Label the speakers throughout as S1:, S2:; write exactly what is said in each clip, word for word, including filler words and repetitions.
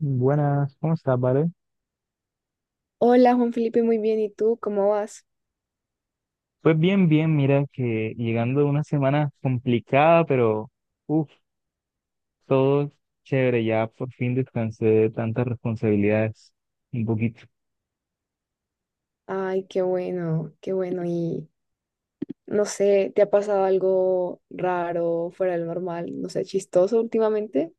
S1: Buenas, ¿cómo estás, Vale?
S2: Hola Juan Felipe, muy bien. ¿Y tú cómo vas?
S1: Pues bien, bien, mira que llegando a una semana complicada, pero uff, todo chévere, ya por fin descansé de tantas responsabilidades un poquito.
S2: Ay, qué bueno, qué bueno. Y no sé, ¿te ha pasado algo raro, fuera del normal, no sé, chistoso últimamente?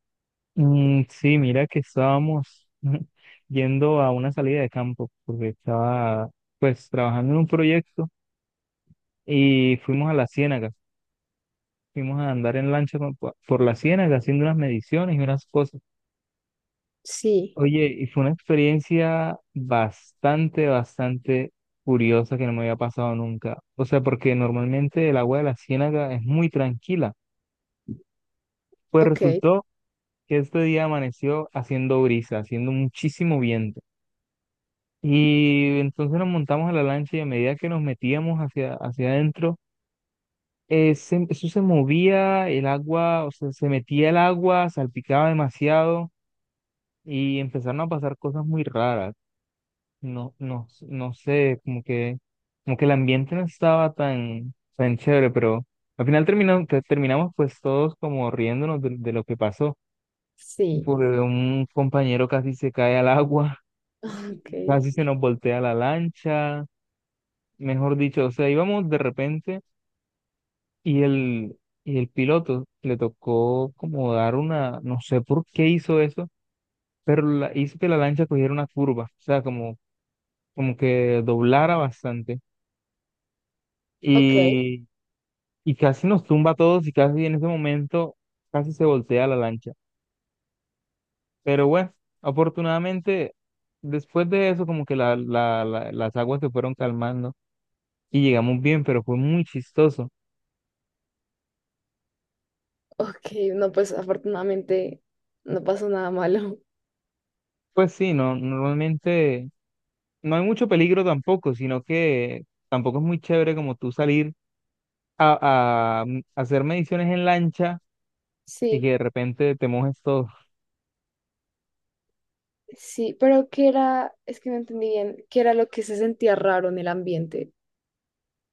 S1: Mm, sí, mira que estábamos yendo a una salida de campo, porque estaba pues trabajando en un proyecto y fuimos a la ciénaga, fuimos a andar en lancha con- por la ciénaga haciendo unas mediciones y unas cosas.
S2: Sí,
S1: Oye, y fue una experiencia bastante, bastante curiosa que no me había pasado nunca. O sea, porque normalmente el agua de la ciénaga es muy tranquila. Pues
S2: ok,
S1: resultó que este día amaneció haciendo brisa, haciendo muchísimo viento. Y entonces nos montamos a la lancha y a medida que nos metíamos hacia, hacia adentro, eh, se- eso se movía, el agua, o sea, se metía el agua, salpicaba demasiado y empezaron a pasar cosas muy raras. No, no, no sé, como que, como que el ambiente no estaba tan, tan chévere, pero al final terminamos, terminamos pues todos como riéndonos de, de lo que pasó,
S2: sí,
S1: porque un compañero casi se cae al agua,
S2: ok,
S1: casi se nos voltea la lancha, mejor dicho, o sea, íbamos de repente y el, y el piloto le tocó como dar una, no sé por qué hizo eso, pero la- hizo que la lancha cogiera una curva, o sea, como, como que doblara bastante.
S2: ok,
S1: Y casi nos tumba a todos y casi en ese momento casi se voltea la lancha. Pero bueno, afortunadamente después de eso como que la, la- la- las aguas se fueron calmando y llegamos bien, pero fue muy chistoso.
S2: ok. No, pues afortunadamente no pasó nada malo.
S1: Pues sí, no, normalmente no hay mucho peligro tampoco, sino que tampoco es muy chévere como tú salir a, a mm, hacer mediciones en lancha y
S2: Sí,
S1: que de repente te mojes todo.
S2: sí, pero ¿qué era? Es que no entendí bien. ¿Qué era lo que se sentía raro en el ambiente?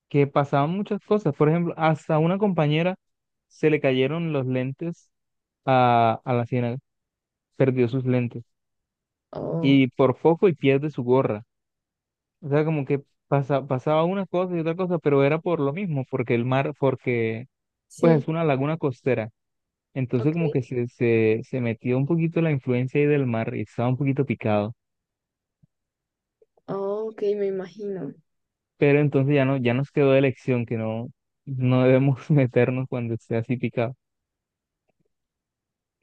S1: Que pasaban muchas cosas, por ejemplo, hasta a una compañera se le cayeron los lentes a, a la ciénaga, perdió sus lentes
S2: Oh,
S1: y por foco y pierde su gorra. O sea, como que pasa, pasaba una cosa y otra cosa, pero era por lo mismo, porque el mar, porque pues es
S2: sí,
S1: una laguna costera. Entonces
S2: ok,
S1: como que se, se, se metió un poquito la influencia ahí del mar y estaba un poquito picado.
S2: oh, ok, me imagino.
S1: Pero entonces ya no, ya nos quedó de lección que no, no debemos meternos cuando esté así picado.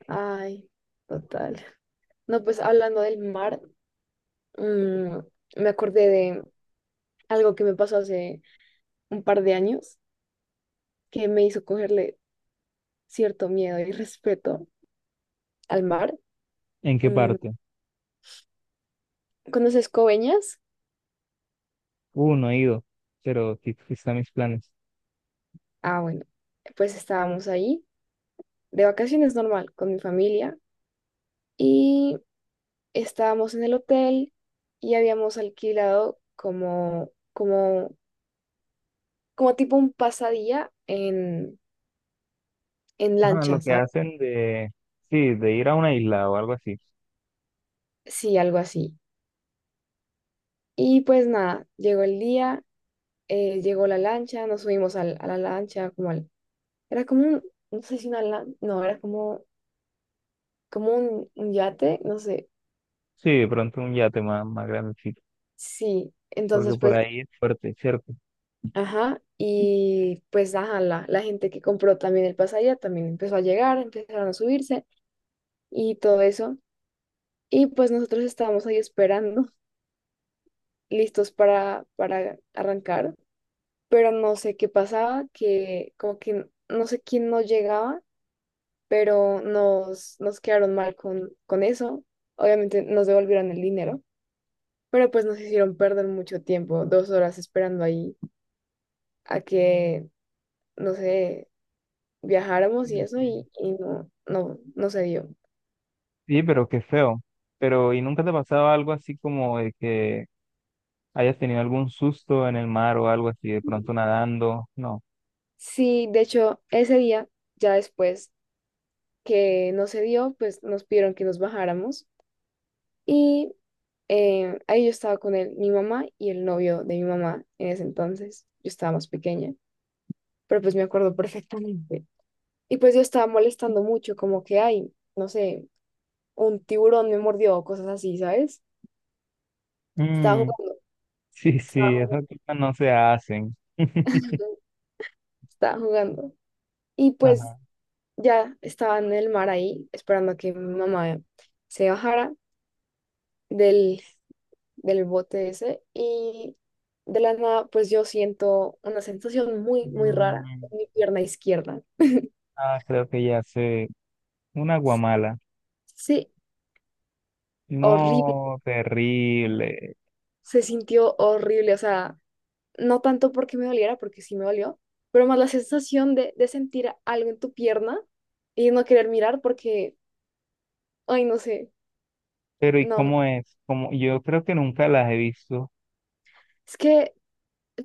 S2: Ay, total. No, pues hablando del mar, mm, me acordé de algo que me pasó hace un par de años que me hizo cogerle cierto miedo y respeto al mar.
S1: ¿En qué
S2: Mm,
S1: parte?
S2: ¿conoces Coveñas?
S1: Uh, no he ido, pero sí, sí están mis planes.
S2: Ah, bueno, pues estábamos ahí de vacaciones normal con mi familia y estábamos en el hotel y habíamos alquilado como, como, como tipo un pasadía en, en
S1: Ajá, lo
S2: lancha,
S1: que
S2: ¿sabes?
S1: hacen de, sí, de ir a una isla o algo así.
S2: Sí, algo así. Y pues nada, llegó el día eh, llegó la lancha, nos subimos al- a la lancha, como al, era como un, no sé si una lancha, no, era como, como un, un yate, no sé,
S1: Sí, de pronto un yate más, más grandecito,
S2: sí,
S1: porque
S2: entonces
S1: por
S2: pues,
S1: ahí es fuerte, ¿cierto?
S2: ajá, y pues, ajá, la, la gente que compró también el pasaje también empezó a llegar, empezaron a subirse y todo eso, y pues nosotros estábamos ahí esperando, listos para, para arrancar, pero no sé qué pasaba, que como que no sé quién no llegaba pero nos, nos quedaron mal con, con eso. Obviamente nos devolvieron el dinero, pero pues nos hicieron perder mucho tiempo, dos horas esperando ahí a que, no sé, viajáramos y
S1: Sí,
S2: eso,
S1: sí.
S2: y, y no, no, no se dio.
S1: Sí, pero qué feo. Pero, ¿y nunca te pasaba algo así como de que hayas tenido algún susto en el mar o algo así, de pronto nadando? No.
S2: Sí, de hecho, ese día, ya después que no se dio, pues nos pidieron que nos bajáramos y eh, ahí yo estaba con él, mi mamá y el novio de mi mamá en ese entonces. Yo estaba más pequeña, pero pues me acuerdo perfectamente. Y pues yo estaba molestando mucho, como que hay, no sé, un tiburón me mordió o cosas así, ¿sabes? Estaba
S1: Mm,
S2: jugando,
S1: sí,
S2: estaba
S1: sí,
S2: jugando,
S1: esas cosas no se hacen.
S2: estaba jugando. Y pues
S1: Ajá.
S2: ya estaba en el mar ahí, esperando a que mi mamá se bajara del, del bote ese. Y de la nada, pues yo siento una sensación muy, muy rara
S1: Mm,
S2: en mi pierna izquierda.
S1: ah, creo que ya sé. Una guamala.
S2: Sí, horrible.
S1: No, terrible.
S2: Se sintió horrible, o sea, no tanto porque me doliera, porque sí me dolió, pero más la sensación de, de sentir algo en tu pierna y no querer mirar porque, ay, no sé,
S1: Pero, ¿y
S2: no,
S1: cómo es? Como, yo creo que nunca las he visto.
S2: es que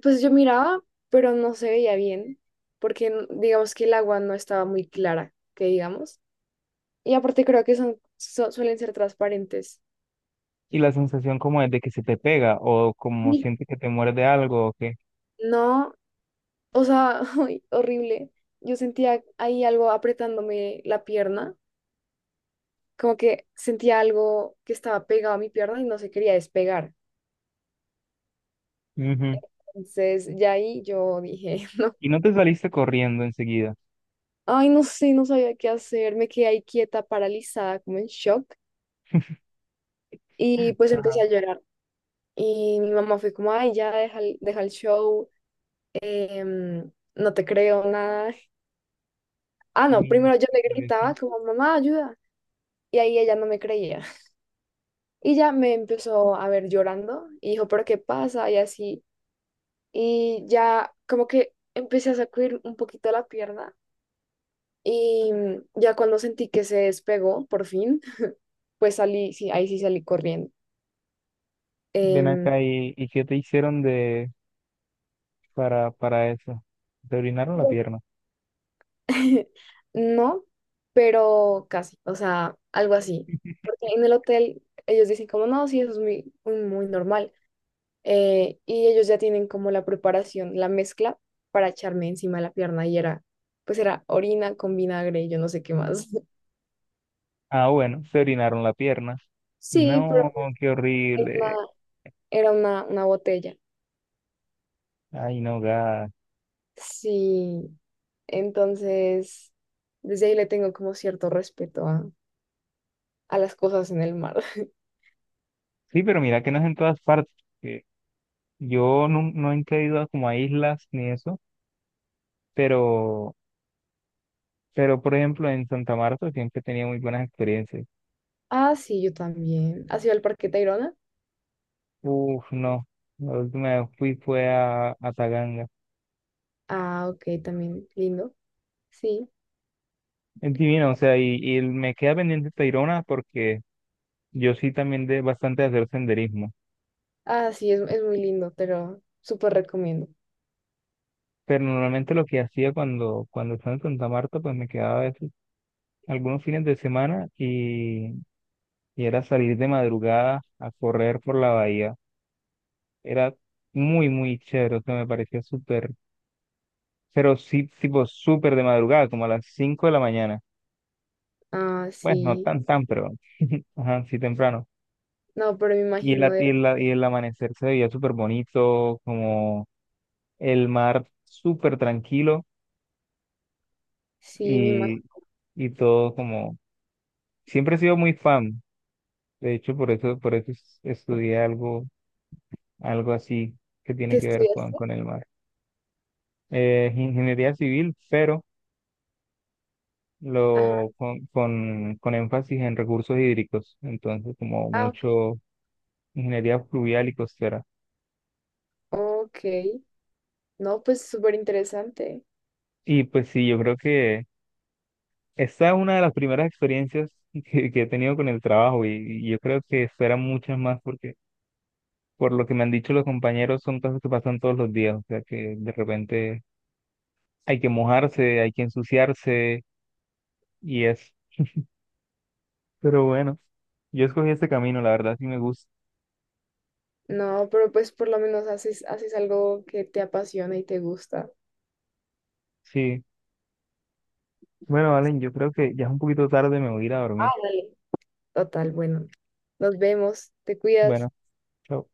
S2: pues yo miraba, pero no se veía bien, porque n- digamos que el agua no estaba muy clara, que digamos, y aparte creo que son, su- suelen ser transparentes.
S1: Y la sensación como es de que se te pega o como
S2: Sí.
S1: sientes que te muerde algo o que...
S2: No, o sea, ay, horrible. Yo sentía ahí algo apretándome la pierna, como que sentía algo que estaba pegado a mi pierna y no se quería despegar.
S1: Ujú.
S2: Entonces, ya ahí yo dije,
S1: ¿Y no te saliste corriendo enseguida?
S2: ay, no sé, no sabía qué hacer, me quedé ahí quieta, paralizada, como en shock, y pues empecé
S1: Ajá,
S2: a llorar. Y mi mamá fue como, ay, ya deja el, deja el show, em, no te creo nada. Ah, no,
S1: sí,
S2: primero yo
S1: sí,
S2: le
S1: por eso.
S2: gritaba como, mamá, ayuda. Y ahí ella no me creía. Y ya me empezó a ver llorando y dijo, pero ¿qué pasa? Y así. Y ya como que empecé a sacudir un poquito la pierna. Y ya cuando sentí que se despegó, por fin, pues salí, sí, ahí sí salí corriendo.
S1: Ven
S2: Em,
S1: acá y, ¿y qué te hicieron de para, para eso? Te orinaron la pierna.
S2: no, pero casi, o sea, algo así. Porque en el hotel ellos dicen como, no, sí, eso es muy, muy, muy normal. Eh, y ellos ya tienen como la preparación, la mezcla para echarme encima de la pierna y era, pues era orina con vinagre y yo no sé qué más.
S1: Ah, bueno, se orinaron la pierna.
S2: Sí, pero
S1: No, qué
S2: era
S1: horrible.
S2: una, era una, una botella.
S1: Ay, no, gas.
S2: Sí, entonces, desde ahí le tengo como cierto respeto a a las cosas en el mar.
S1: Sí, pero mira que no es en todas partes. Que yo no, no he ido a como a islas ni eso, pero, pero por ejemplo en Santa Marta siempre tenía muy buenas experiencias.
S2: Ah, sí, yo también. ¿Has ido al Parque Tayrona?
S1: Uf, no. La última vez fui fue a, a Taganga.
S2: Ah, ok, también lindo. Sí.
S1: Es divino, o sea, y, y me queda pendiente Tayrona porque yo sí también de bastante de hacer senderismo.
S2: Ah, sí, es, es muy lindo, pero súper recomiendo.
S1: Pero normalmente lo que hacía cuando, cuando estaba en Santa Marta, pues me quedaba a veces algunos fines de semana y, y era salir de madrugada a correr por la bahía. Era muy, muy chévere, o sea, me parecía súper, pero sí, tipo súper de madrugada, como a las cinco de la mañana.
S2: Ah,
S1: Pues no
S2: sí.
S1: tan, tan, pero, ajá, sí temprano.
S2: No, pero me
S1: Y el,
S2: imagino
S1: at-
S2: de.
S1: y el, a- Y el amanecer se veía súper bonito, como el mar súper tranquilo
S2: Sí, me imagino.
S1: y, y todo como... Siempre he sido muy fan, de hecho por eso, por eso es- estudié algo, algo así que
S2: ¿Qué
S1: tiene que ver con,
S2: estudiaste?
S1: con el mar. Eh, ingeniería civil, pero
S2: Ajá.
S1: lo, con, con, con énfasis en recursos hídricos, entonces como
S2: Ah, ok.
S1: mucho ingeniería fluvial y costera.
S2: Ok. No, pues súper interesante.
S1: Y pues sí, yo creo que esta es una de las primeras experiencias que, que he tenido con el trabajo y, y yo creo que esperan muchas más porque por lo que me han dicho los compañeros son cosas que pasan todos los días, o sea que de repente hay que mojarse, hay que ensuciarse y es. Pero bueno, yo escogí este camino, la verdad sí me gusta.
S2: No, pero pues por lo menos haces, haces algo que te apasiona y te gusta.
S1: Sí. Bueno, Valen, yo creo que ya es un poquito tarde, me voy a ir a
S2: Ah,
S1: dormir.
S2: dale. Total, bueno. Nos vemos. Te cuidas.
S1: Bueno, chao.